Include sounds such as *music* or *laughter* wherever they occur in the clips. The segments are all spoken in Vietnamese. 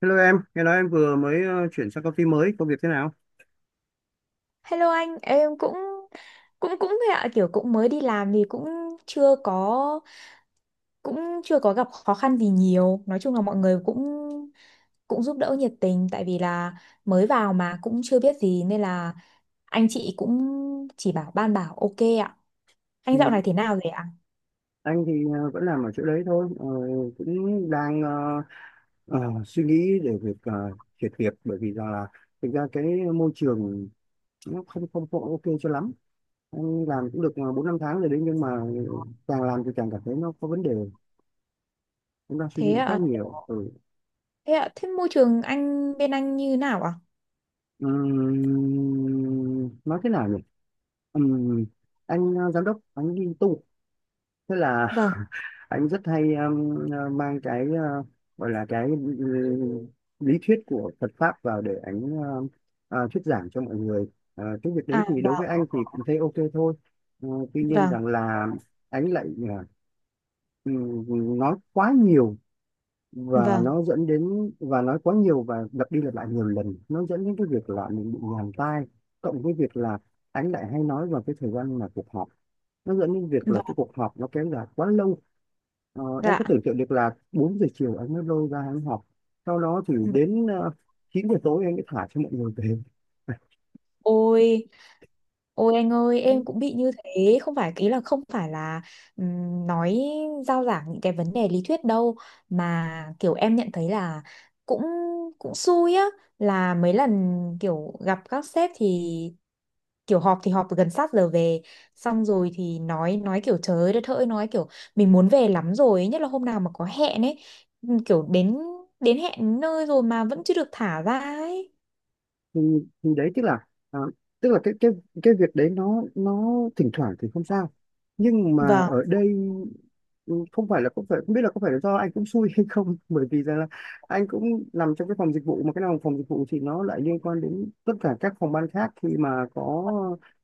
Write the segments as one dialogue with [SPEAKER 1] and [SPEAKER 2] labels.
[SPEAKER 1] Hello em, nghe nói em vừa mới chuyển sang công ty mới, công việc thế nào?
[SPEAKER 2] Hello anh, em cũng cũng cũng thế ạ, kiểu cũng mới đi làm thì chưa có cũng chưa có gặp khó khăn gì nhiều. Nói chung là mọi người cũng cũng giúp đỡ nhiệt tình, tại vì là mới vào mà cũng chưa biết gì nên là anh chị cũng chỉ bảo ban bảo ok ạ. Anh
[SPEAKER 1] Ừ,
[SPEAKER 2] dạo này thế nào rồi ạ?
[SPEAKER 1] anh thì vẫn làm ở chỗ đấy thôi, cũng đang ờ, suy nghĩ để việc chuyển việc bởi vì rằng là thực ra cái môi trường nó không không có ok cho lắm. Anh làm cũng được bốn năm tháng rồi đấy nhưng mà càng làm thì càng cảm thấy nó có vấn đề, cũng đang suy
[SPEAKER 2] Thế
[SPEAKER 1] nghĩ khá
[SPEAKER 2] ạ,
[SPEAKER 1] nhiều. Ừ.
[SPEAKER 2] thế ạ, thế môi trường anh bên anh như nào ạ?
[SPEAKER 1] Nói thế nào nhỉ? Ừm, anh giám đốc, anh đi tu, thế là
[SPEAKER 2] Vâng,
[SPEAKER 1] anh rất hay mang cái gọi là cái ừ, lý thuyết của Phật pháp vào để anh thuyết giảng cho mọi người. Ờ, cái việc đấy
[SPEAKER 2] à
[SPEAKER 1] thì đối với
[SPEAKER 2] vâng,
[SPEAKER 1] anh thì cũng thấy ok thôi. Ờ, tuy nhiên
[SPEAKER 2] vâng,
[SPEAKER 1] rằng là anh lại ờ, nói quá nhiều và
[SPEAKER 2] vâng,
[SPEAKER 1] nó dẫn đến và nói quá nhiều và lặp đi lặp lại nhiều lần nó dẫn đến cái việc là mình bị nhàm tai, cộng với việc là anh lại hay nói vào cái thời gian mà cuộc họp, nó dẫn đến việc là
[SPEAKER 2] vâng,
[SPEAKER 1] cái cuộc họp nó kéo dài quá lâu. Ờ, em
[SPEAKER 2] dạ.
[SPEAKER 1] cứ tưởng tượng được là 4 giờ chiều anh mới lôi ra anh học, sau đó thì đến 9 giờ tối anh mới thả cho mọi người về.
[SPEAKER 2] Ôi, ôi anh ơi, em cũng bị như thế, không phải ý là không phải là nói giao giảng những cái vấn đề lý thuyết đâu, mà kiểu em nhận thấy là cũng cũng xui á, là mấy lần kiểu gặp các sếp thì kiểu họp thì họp gần sát giờ về, xong rồi thì nói kiểu trời đất ơi, nói kiểu mình muốn về lắm rồi ấy, nhất là hôm nào mà có hẹn ấy, kiểu đến đến hẹn nơi rồi mà vẫn chưa được thả ra ấy.
[SPEAKER 1] Ừ, thì đấy tức là à, tức là cái việc đấy nó thỉnh thoảng thì không sao nhưng mà
[SPEAKER 2] Vâng,
[SPEAKER 1] ở đây ừ, không phải không biết là có phải là do anh cũng xui hay không *laughs* bởi vì rằng là anh cũng nằm trong cái phòng dịch vụ mà cái nào phòng dịch vụ thì nó lại liên quan đến tất cả các phòng ban khác khi mà có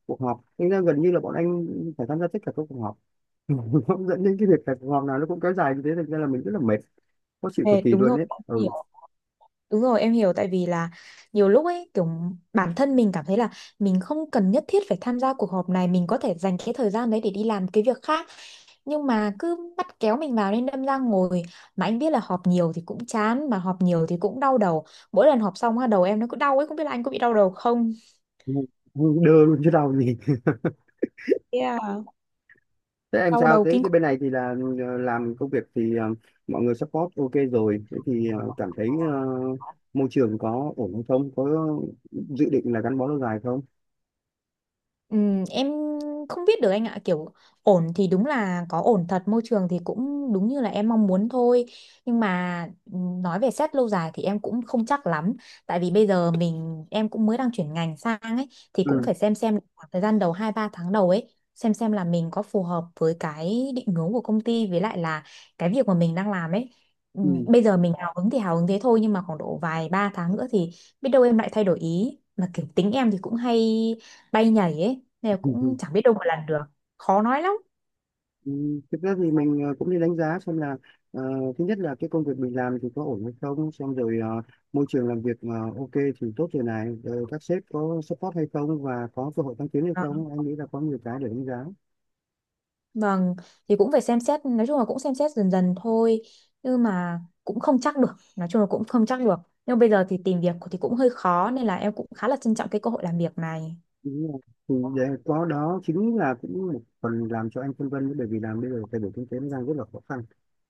[SPEAKER 1] cuộc họp nên là gần như là bọn anh phải tham gia tất cả các cuộc họp. *laughs* Nó dẫn đến cái việc là cuộc họp nào nó cũng kéo dài như thế thành ra là mình rất là mệt, khó chịu cực
[SPEAKER 2] mệt,
[SPEAKER 1] kỳ
[SPEAKER 2] đúng
[SPEAKER 1] luôn
[SPEAKER 2] rồi.
[SPEAKER 1] ấy, ừ.
[SPEAKER 2] Đúng rồi, em hiểu, tại vì là nhiều lúc ấy kiểu bản thân mình cảm thấy là mình không cần nhất thiết phải tham gia cuộc họp này, mình có thể dành cái thời gian đấy để đi làm cái việc khác, nhưng mà cứ bắt kéo mình vào nên đâm ra ngồi, mà anh biết là họp nhiều thì cũng chán mà họp nhiều thì cũng đau đầu. Mỗi lần họp xong á, đầu em nó cứ đau ấy, không biết là anh có bị đau đầu không?
[SPEAKER 1] Ngu- ngu đơ luôn chứ đâu gì.
[SPEAKER 2] Yeah.
[SPEAKER 1] Thế em
[SPEAKER 2] Đau
[SPEAKER 1] sao?
[SPEAKER 2] đầu
[SPEAKER 1] Thế,
[SPEAKER 2] kinh
[SPEAKER 1] thế bên này thì là làm công việc thì mọi người support ok rồi. Thế thì cảm thấy
[SPEAKER 2] khủng.
[SPEAKER 1] môi trường có ổn hay không? Có dự định là gắn bó lâu dài không?
[SPEAKER 2] Em không biết được anh ạ, kiểu ổn thì đúng là có ổn thật, môi trường thì cũng đúng như là em mong muốn thôi, nhưng mà nói về xét lâu dài thì em cũng không chắc lắm, tại vì bây giờ em cũng mới đang chuyển ngành sang ấy, thì cũng
[SPEAKER 1] Ừ.
[SPEAKER 2] phải xem khoảng thời gian đầu, 2 3 tháng đầu ấy, xem là mình có phù hợp với cái định hướng của công ty với lại là cái việc mà mình đang làm ấy.
[SPEAKER 1] Ừ.
[SPEAKER 2] Bây giờ mình hào hứng thì hào hứng thế thôi, nhưng mà khoảng độ vài ba tháng nữa thì biết đâu em lại thay đổi ý, mà kiểu tính em thì cũng hay bay nhảy ấy, nên là
[SPEAKER 1] *laughs*
[SPEAKER 2] cũng chẳng biết đâu mà làm được, khó nói lắm.
[SPEAKER 1] Ừ, thực ra thì mình cũng đi đánh giá xem là ờ, thứ nhất là cái công việc mình làm thì có ổn hay không, xong rồi môi trường làm việc ok thì tốt rồi này, rồi các sếp có support hay không và có cơ hội tăng tiến hay
[SPEAKER 2] Ờ,
[SPEAKER 1] không, em nghĩ là có nhiều cái để đánh giá.
[SPEAKER 2] vâng, thì cũng phải xem xét, nói chung là cũng xem xét dần dần thôi, nhưng mà cũng không chắc được, nói chung là cũng không chắc được, nhưng bây giờ thì tìm việc thì cũng hơi khó nên là em cũng khá là trân trọng cái cơ hội làm việc này.
[SPEAKER 1] Đúng rồi. Thì vậy có đó chính là cũng một phần làm cho anh phân vân đấy, bởi vì làm bây giờ thay đổi kinh tế nó đang rất là khó khăn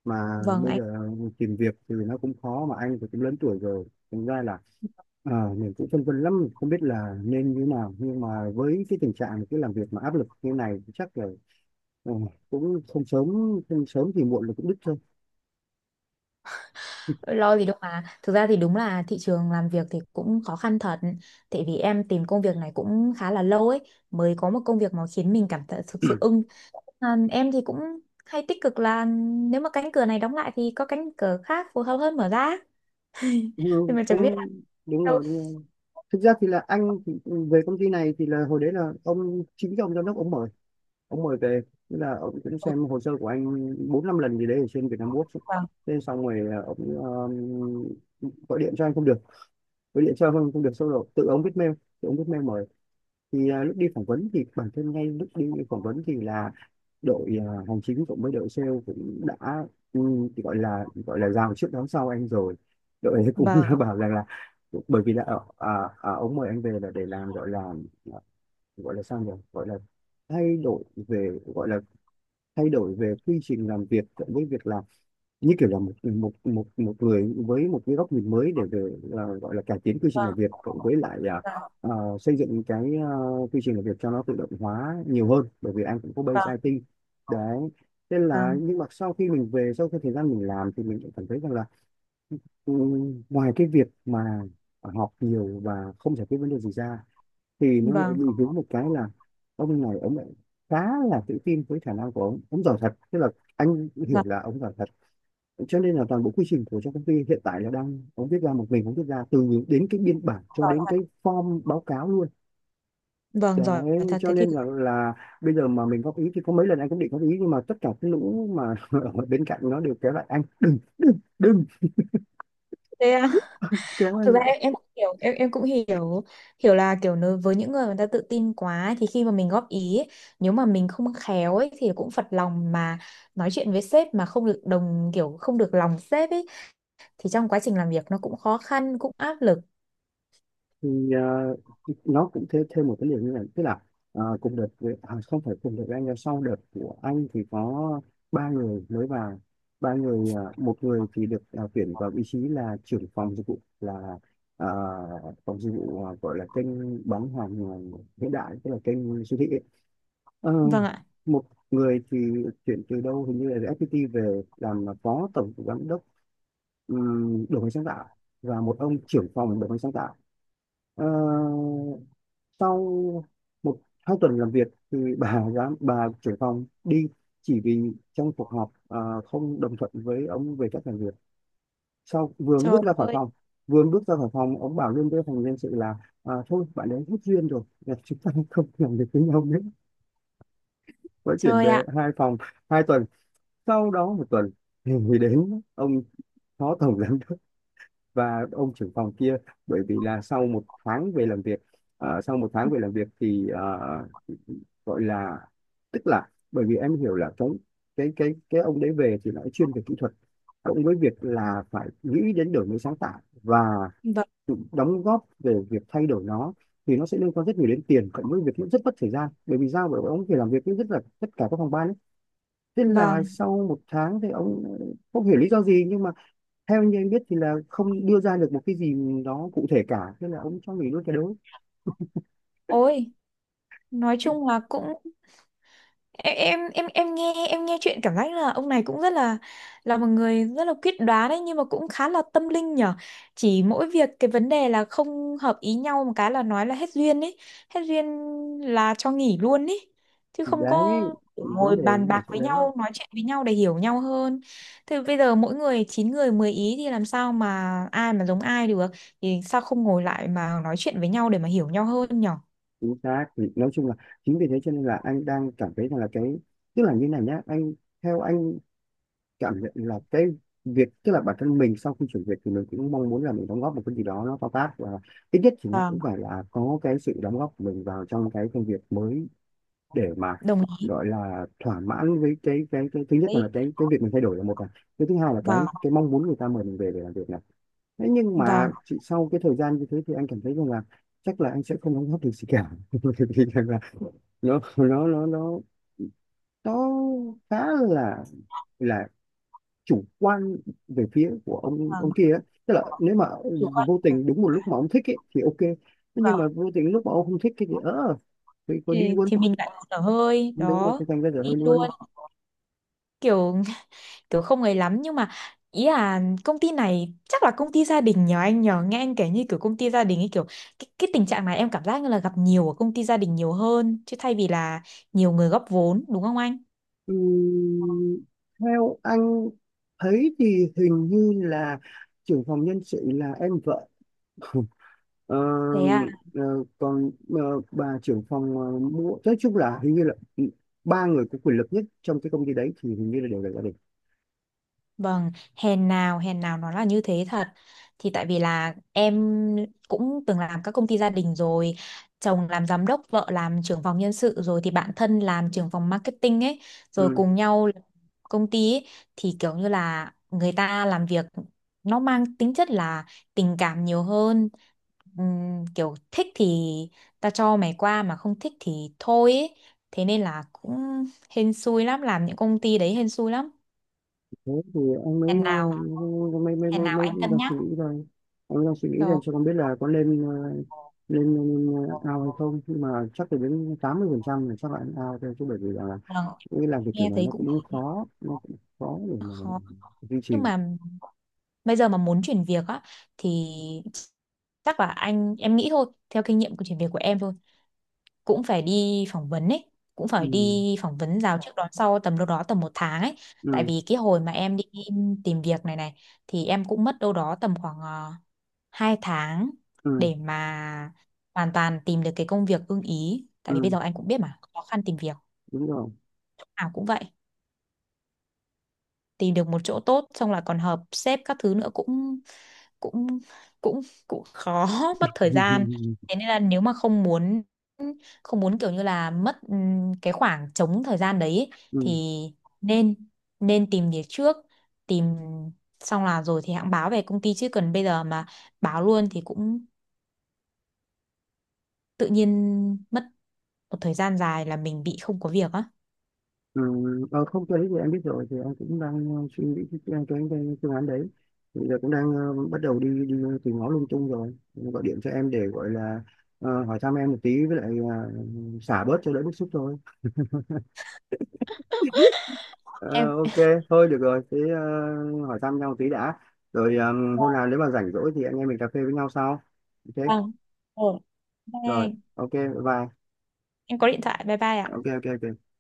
[SPEAKER 1] mà
[SPEAKER 2] Vâng
[SPEAKER 1] bây
[SPEAKER 2] anh,
[SPEAKER 1] giờ tìm việc thì nó cũng khó mà anh thì cũng lớn tuổi rồi thành ra là mình cũng phân vân lắm không biết là nên như thế nào nhưng mà với cái tình trạng cái làm việc mà áp lực như này thì chắc là ờ, cũng không sớm không sớm thì muộn là cũng đứt thôi.
[SPEAKER 2] lo gì đâu mà, thực ra thì đúng là thị trường làm việc thì cũng khó khăn thật, tại vì em tìm công việc này cũng khá là lâu ấy, mới có một công việc mà khiến mình cảm thấy thực sự ưng. À, em thì cũng hay tích cực là nếu mà cánh cửa này đóng lại thì có cánh cửa khác phù hợp hơn mở ra,
[SPEAKER 1] Ừ,
[SPEAKER 2] nhưng mà chẳng biết là
[SPEAKER 1] cũng đúng
[SPEAKER 2] đâu.
[SPEAKER 1] rồi, đúng rồi. Thực ra thì là anh thì về công ty này thì là hồi đấy là ông chính cái ông giám đốc ông mở, ông mời về, tức là ông cũng
[SPEAKER 2] Ừ,
[SPEAKER 1] xem hồ sơ của anh bốn năm lần gì đấy ở trên Việt Nam Works ấy.
[SPEAKER 2] vâng
[SPEAKER 1] Thế xong rồi ông ờ, gọi điện cho anh không được gọi điện cho anh không được xong rồi tự ông viết mail mời. Thì lúc đi phỏng vấn thì bản thân ngay lúc đi phỏng vấn thì là đội hành chính cộng với đội sale cũng đã ừ, thì gọi là rào trước đón sau anh rồi, đội ấy cũng
[SPEAKER 2] vâng
[SPEAKER 1] *laughs* bảo rằng là bởi vì là ở ông mời anh về là để làm gọi là thay đổi, về gọi là thay đổi về quy trình làm việc với việc là như kiểu là một một một một người với một cái góc nhìn mới để về gọi là cải tiến quy trình làm
[SPEAKER 2] vâng
[SPEAKER 1] việc cộng với lại
[SPEAKER 2] vâng
[SPEAKER 1] à, xây dựng cái quy trình làm việc cho nó tự động hóa nhiều hơn bởi vì anh cũng có base IT đấy. Thế là
[SPEAKER 2] vâng
[SPEAKER 1] nhưng mà sau khi mình về sau cái thời gian mình làm thì mình cũng cảm thấy rằng là ừ, ngoài cái việc mà học nhiều và không giải quyết vấn đề gì ra thì nó lại
[SPEAKER 2] vâng
[SPEAKER 1] bị
[SPEAKER 2] vâng
[SPEAKER 1] vướng một cái là ông này ông lại khá là tự tin với khả năng của ông giỏi thật, tức là anh hiểu
[SPEAKER 2] vâng
[SPEAKER 1] là ông giỏi thật, cho nên là toàn bộ quy trình của trong công ty hiện tại là đang ông viết ra, một mình ông viết ra từ đến cái biên bản cho
[SPEAKER 2] giỏi
[SPEAKER 1] đến cái
[SPEAKER 2] thật.
[SPEAKER 1] form báo cáo luôn.
[SPEAKER 2] Vâng
[SPEAKER 1] Đấy
[SPEAKER 2] giỏi thật,
[SPEAKER 1] cho
[SPEAKER 2] thế thì
[SPEAKER 1] nên là bây giờ mà mình góp ý thì có mấy lần anh cũng định góp ý nhưng mà tất cả cái lũ mà *laughs* ở bên cạnh nó đều kéo lại anh, đừng, đừng
[SPEAKER 2] thế à,
[SPEAKER 1] kéo
[SPEAKER 2] thực
[SPEAKER 1] anh.
[SPEAKER 2] ra em, em cũng hiểu, hiểu là kiểu nếu với những người người ta tự tin quá ấy, thì khi mà mình góp ý ấy, nếu mà mình không khéo ấy thì cũng phật lòng, mà nói chuyện với sếp mà không được đồng kiểu không được lòng sếp ấy, thì trong quá trình làm việc nó cũng khó khăn, cũng áp lực.
[SPEAKER 1] Thì nó cũng thêm thêm một cái điều như này, tức là ờ, cùng đợt với, à, không phải cùng đợt với anh nhưng sau đợt của anh thì có ba người mới vào, ba người, một người thì được tuyển vào vị trí là trưởng phòng dịch vụ là ờ, phòng dịch vụ gọi là kênh bán hàng hiện đại, tức là kênh siêu thị ấy. Ờ,
[SPEAKER 2] Vâng ạ,
[SPEAKER 1] một người thì chuyển từ đâu hình như là từ FPT về làm là phó tổng giám đốc đổi mới sáng tạo, và một ông trưởng phòng đổi mới sáng tạo. Ờ, sau một hai tuần làm việc thì bà *laughs* bà trưởng phòng đi chỉ vì trong cuộc họp không đồng thuận với ông về cách làm việc, sau vừa
[SPEAKER 2] trời
[SPEAKER 1] bước ra khỏi
[SPEAKER 2] ơi,
[SPEAKER 1] phòng, ông bảo luôn với phòng nhân sự là thôi bạn ấy hết duyên rồi là chúng ta *laughs* không làm việc với nhau nữa, mới chuyển về hai phòng 2 tuần. Sau đó một tuần thì đến ông phó tổng giám và ông trưởng phòng kia, bởi vì là sau một tháng về làm việc, ờ, sau một tháng về làm việc thì ờ, gọi là tức là bởi vì em hiểu là cái ông đấy về thì nói chuyên về kỹ thuật cộng với việc là phải nghĩ đến đổi mới sáng tạo và
[SPEAKER 2] vâng,
[SPEAKER 1] tự đóng góp về việc thay đổi nó thì nó sẽ liên quan rất nhiều đến tiền cộng với việc cũng rất mất thời gian bởi vì sao, bởi vì ông phải làm việc với rất là tất cả các phòng ban ấy. Thế là
[SPEAKER 2] vâng,
[SPEAKER 1] sau một tháng thì ông không hiểu lý do gì nhưng mà theo như anh biết thì là không đưa ra được một cái gì đó cụ thể cả, thế là ông cho nghỉ luôn cái đấy.
[SPEAKER 2] ôi, nói chung là cũng em nghe, em nghe chuyện cảm giác là ông này cũng rất là một người rất là quyết đoán đấy, nhưng mà cũng khá là tâm linh nhở, chỉ mỗi việc cái vấn đề là không hợp ý nhau một cái là nói là hết duyên ấy, hết duyên là cho nghỉ luôn ấy, chứ
[SPEAKER 1] Thì
[SPEAKER 2] không có
[SPEAKER 1] đấy thì vấn
[SPEAKER 2] ngồi
[SPEAKER 1] đề
[SPEAKER 2] bàn
[SPEAKER 1] nó ở
[SPEAKER 2] bạc
[SPEAKER 1] chỗ
[SPEAKER 2] với
[SPEAKER 1] đấy,
[SPEAKER 2] nhau nói chuyện với nhau để hiểu nhau hơn, thì bây giờ mỗi người chín người 10 ý thì làm sao mà ai mà giống ai được, thì sao không ngồi lại mà nói chuyện với nhau để mà hiểu nhau hơn nhở.
[SPEAKER 1] chính xác thì nói chung là chính vì thế cho nên là anh đang cảm thấy rằng là cái tức là như này nhá anh, theo anh cảm nhận là cái việc tức là bản thân mình sau khi chuyển việc thì mình cũng mong muốn là mình đóng góp một cái gì đó nó to tát và ít nhất thì nó
[SPEAKER 2] Vâng,
[SPEAKER 1] cũng phải là có cái sự đóng góp của mình vào trong cái công việc mới để mà
[SPEAKER 2] đồng ý.
[SPEAKER 1] gọi là thỏa mãn với cái thứ nhất là
[SPEAKER 2] Đấy,
[SPEAKER 1] cái việc mình thay đổi là một này, cái thứ hai là
[SPEAKER 2] vâng,
[SPEAKER 1] cái mong muốn người ta mời mình về để làm việc này. Thế nhưng mà chị sau cái thời gian như thế thì anh cảm thấy rằng là chắc là anh sẽ không đóng góp được gì cả *laughs* thì rằng là nó nó nó nó nó khá là chủ quan về phía của ông
[SPEAKER 2] vâng,
[SPEAKER 1] kia ấy. Tức là nếu mà
[SPEAKER 2] chủ quan
[SPEAKER 1] vô tình đúng một
[SPEAKER 2] cả.
[SPEAKER 1] lúc mà ông thích ấy, thì ok. Thế nhưng
[SPEAKER 2] Vào
[SPEAKER 1] mà vô tình lúc mà ông không thích cái gì thì có đi luôn.
[SPEAKER 2] thì mình lại thở hơi
[SPEAKER 1] Đúng rồi
[SPEAKER 2] đó,
[SPEAKER 1] thì thành ra rồi
[SPEAKER 2] đi
[SPEAKER 1] hơi luôn.
[SPEAKER 2] luôn, kiểu kiểu không ấy lắm, nhưng mà ý là công ty này chắc là công ty gia đình nhờ anh, nhờ nghe anh kể như kiểu công ty gia đình ấy, kiểu cái tình trạng này em cảm giác như là gặp nhiều ở công ty gia đình nhiều hơn, chứ thay vì là nhiều người góp vốn, đúng không anh?
[SPEAKER 1] Ừm, theo anh thấy thì hình như là trưởng phòng nhân sự là em vợ. *laughs* Ờ,
[SPEAKER 2] Thế à.
[SPEAKER 1] ờ, còn bà trưởng phòng mua nói chung là hình như là ừ, ba người có quyền lực nhất trong cái công ty đấy thì hình như là đều là gia đình.
[SPEAKER 2] Vâng, hèn nào, hèn nào nó là như thế thật. Thì tại vì là em cũng từng làm các công ty gia đình rồi, chồng làm giám đốc, vợ làm trưởng phòng nhân sự rồi thì bạn thân làm trưởng phòng marketing ấy, rồi
[SPEAKER 1] Ừ.
[SPEAKER 2] cùng nhau làm công ty ấy, thì kiểu như là người ta làm việc nó mang tính chất là tình cảm nhiều hơn. Kiểu thích thì ta cho mày qua, mà không thích thì thôi ấy. Thế nên là cũng hên xui lắm, làm những công ty đấy hèn xui lắm.
[SPEAKER 1] Thế thì anh mới
[SPEAKER 2] Hèn nào
[SPEAKER 1] mới mới
[SPEAKER 2] thế
[SPEAKER 1] mới
[SPEAKER 2] nào
[SPEAKER 1] mới
[SPEAKER 2] anh cân
[SPEAKER 1] đang
[SPEAKER 2] nhắc.
[SPEAKER 1] suy nghĩ rồi, anh đang suy nghĩ xem
[SPEAKER 2] Đó.
[SPEAKER 1] cho con biết là có nên lên, lên, lên ao hay không nhưng mà chắc là đến 80% là chắc là ao thôi chứ bởi vì là
[SPEAKER 2] Vâng,
[SPEAKER 1] nghĩ làm cái kiểu
[SPEAKER 2] nghe
[SPEAKER 1] này
[SPEAKER 2] thấy
[SPEAKER 1] nó
[SPEAKER 2] cũng
[SPEAKER 1] cũng khó, để mà
[SPEAKER 2] khó,
[SPEAKER 1] duy trì.
[SPEAKER 2] nhưng mà bây giờ mà muốn chuyển việc á thì chắc là anh, em nghĩ thôi theo kinh nghiệm của chuyển việc của em thôi, cũng phải đi phỏng vấn ấy, cũng
[SPEAKER 1] Ừ,
[SPEAKER 2] phải đi phỏng vấn rào trước đón sau tầm đâu đó tầm một tháng ấy. Tại
[SPEAKER 1] ừ,
[SPEAKER 2] vì cái hồi mà em đi tìm việc này này, thì em cũng mất đâu đó tầm khoảng 2 tháng
[SPEAKER 1] ừ,
[SPEAKER 2] để mà hoàn toàn tìm được cái công việc ưng ý. Tại vì bây
[SPEAKER 1] ừ,
[SPEAKER 2] giờ anh cũng biết mà, khó khăn tìm việc,
[SPEAKER 1] đúng rồi.
[SPEAKER 2] nào cũng vậy. Tìm được một chỗ tốt xong là còn hợp sếp các thứ nữa cũng cũng cũng cũng khó *laughs* mất thời gian.
[SPEAKER 1] *laughs*
[SPEAKER 2] Thế nên là nếu mà không muốn kiểu như là mất cái khoảng trống thời gian đấy ấy,
[SPEAKER 1] Ừ,
[SPEAKER 2] thì nên nên tìm việc trước, tìm xong là rồi thì hãng báo về công ty, chứ cần bây giờ mà báo luôn thì cũng tự nhiên mất một thời gian dài là mình bị không có việc á.
[SPEAKER 1] ừ. Không tôi thì em biết rồi thì em cũng đang suy nghĩ cái phương án đấy, bây giờ cũng đang bắt đầu đi đi tìm ngó lung tung rồi. Em gọi điện cho em để gọi là hỏi thăm em một tí với lại xả bớt cho đỡ bức xúc thôi. Ờ,
[SPEAKER 2] Em,
[SPEAKER 1] ok, thôi được rồi, thế hỏi thăm nhau một tí đã, rồi hôm nào nếu mà rảnh rỗi thì anh em mình cà phê với nhau sau. Ok.
[SPEAKER 2] vâng, ừ.
[SPEAKER 1] Rồi,
[SPEAKER 2] Bye,
[SPEAKER 1] ok bye bye.
[SPEAKER 2] em có điện thoại, bye bye ạ.
[SPEAKER 1] Ok, ok, ok.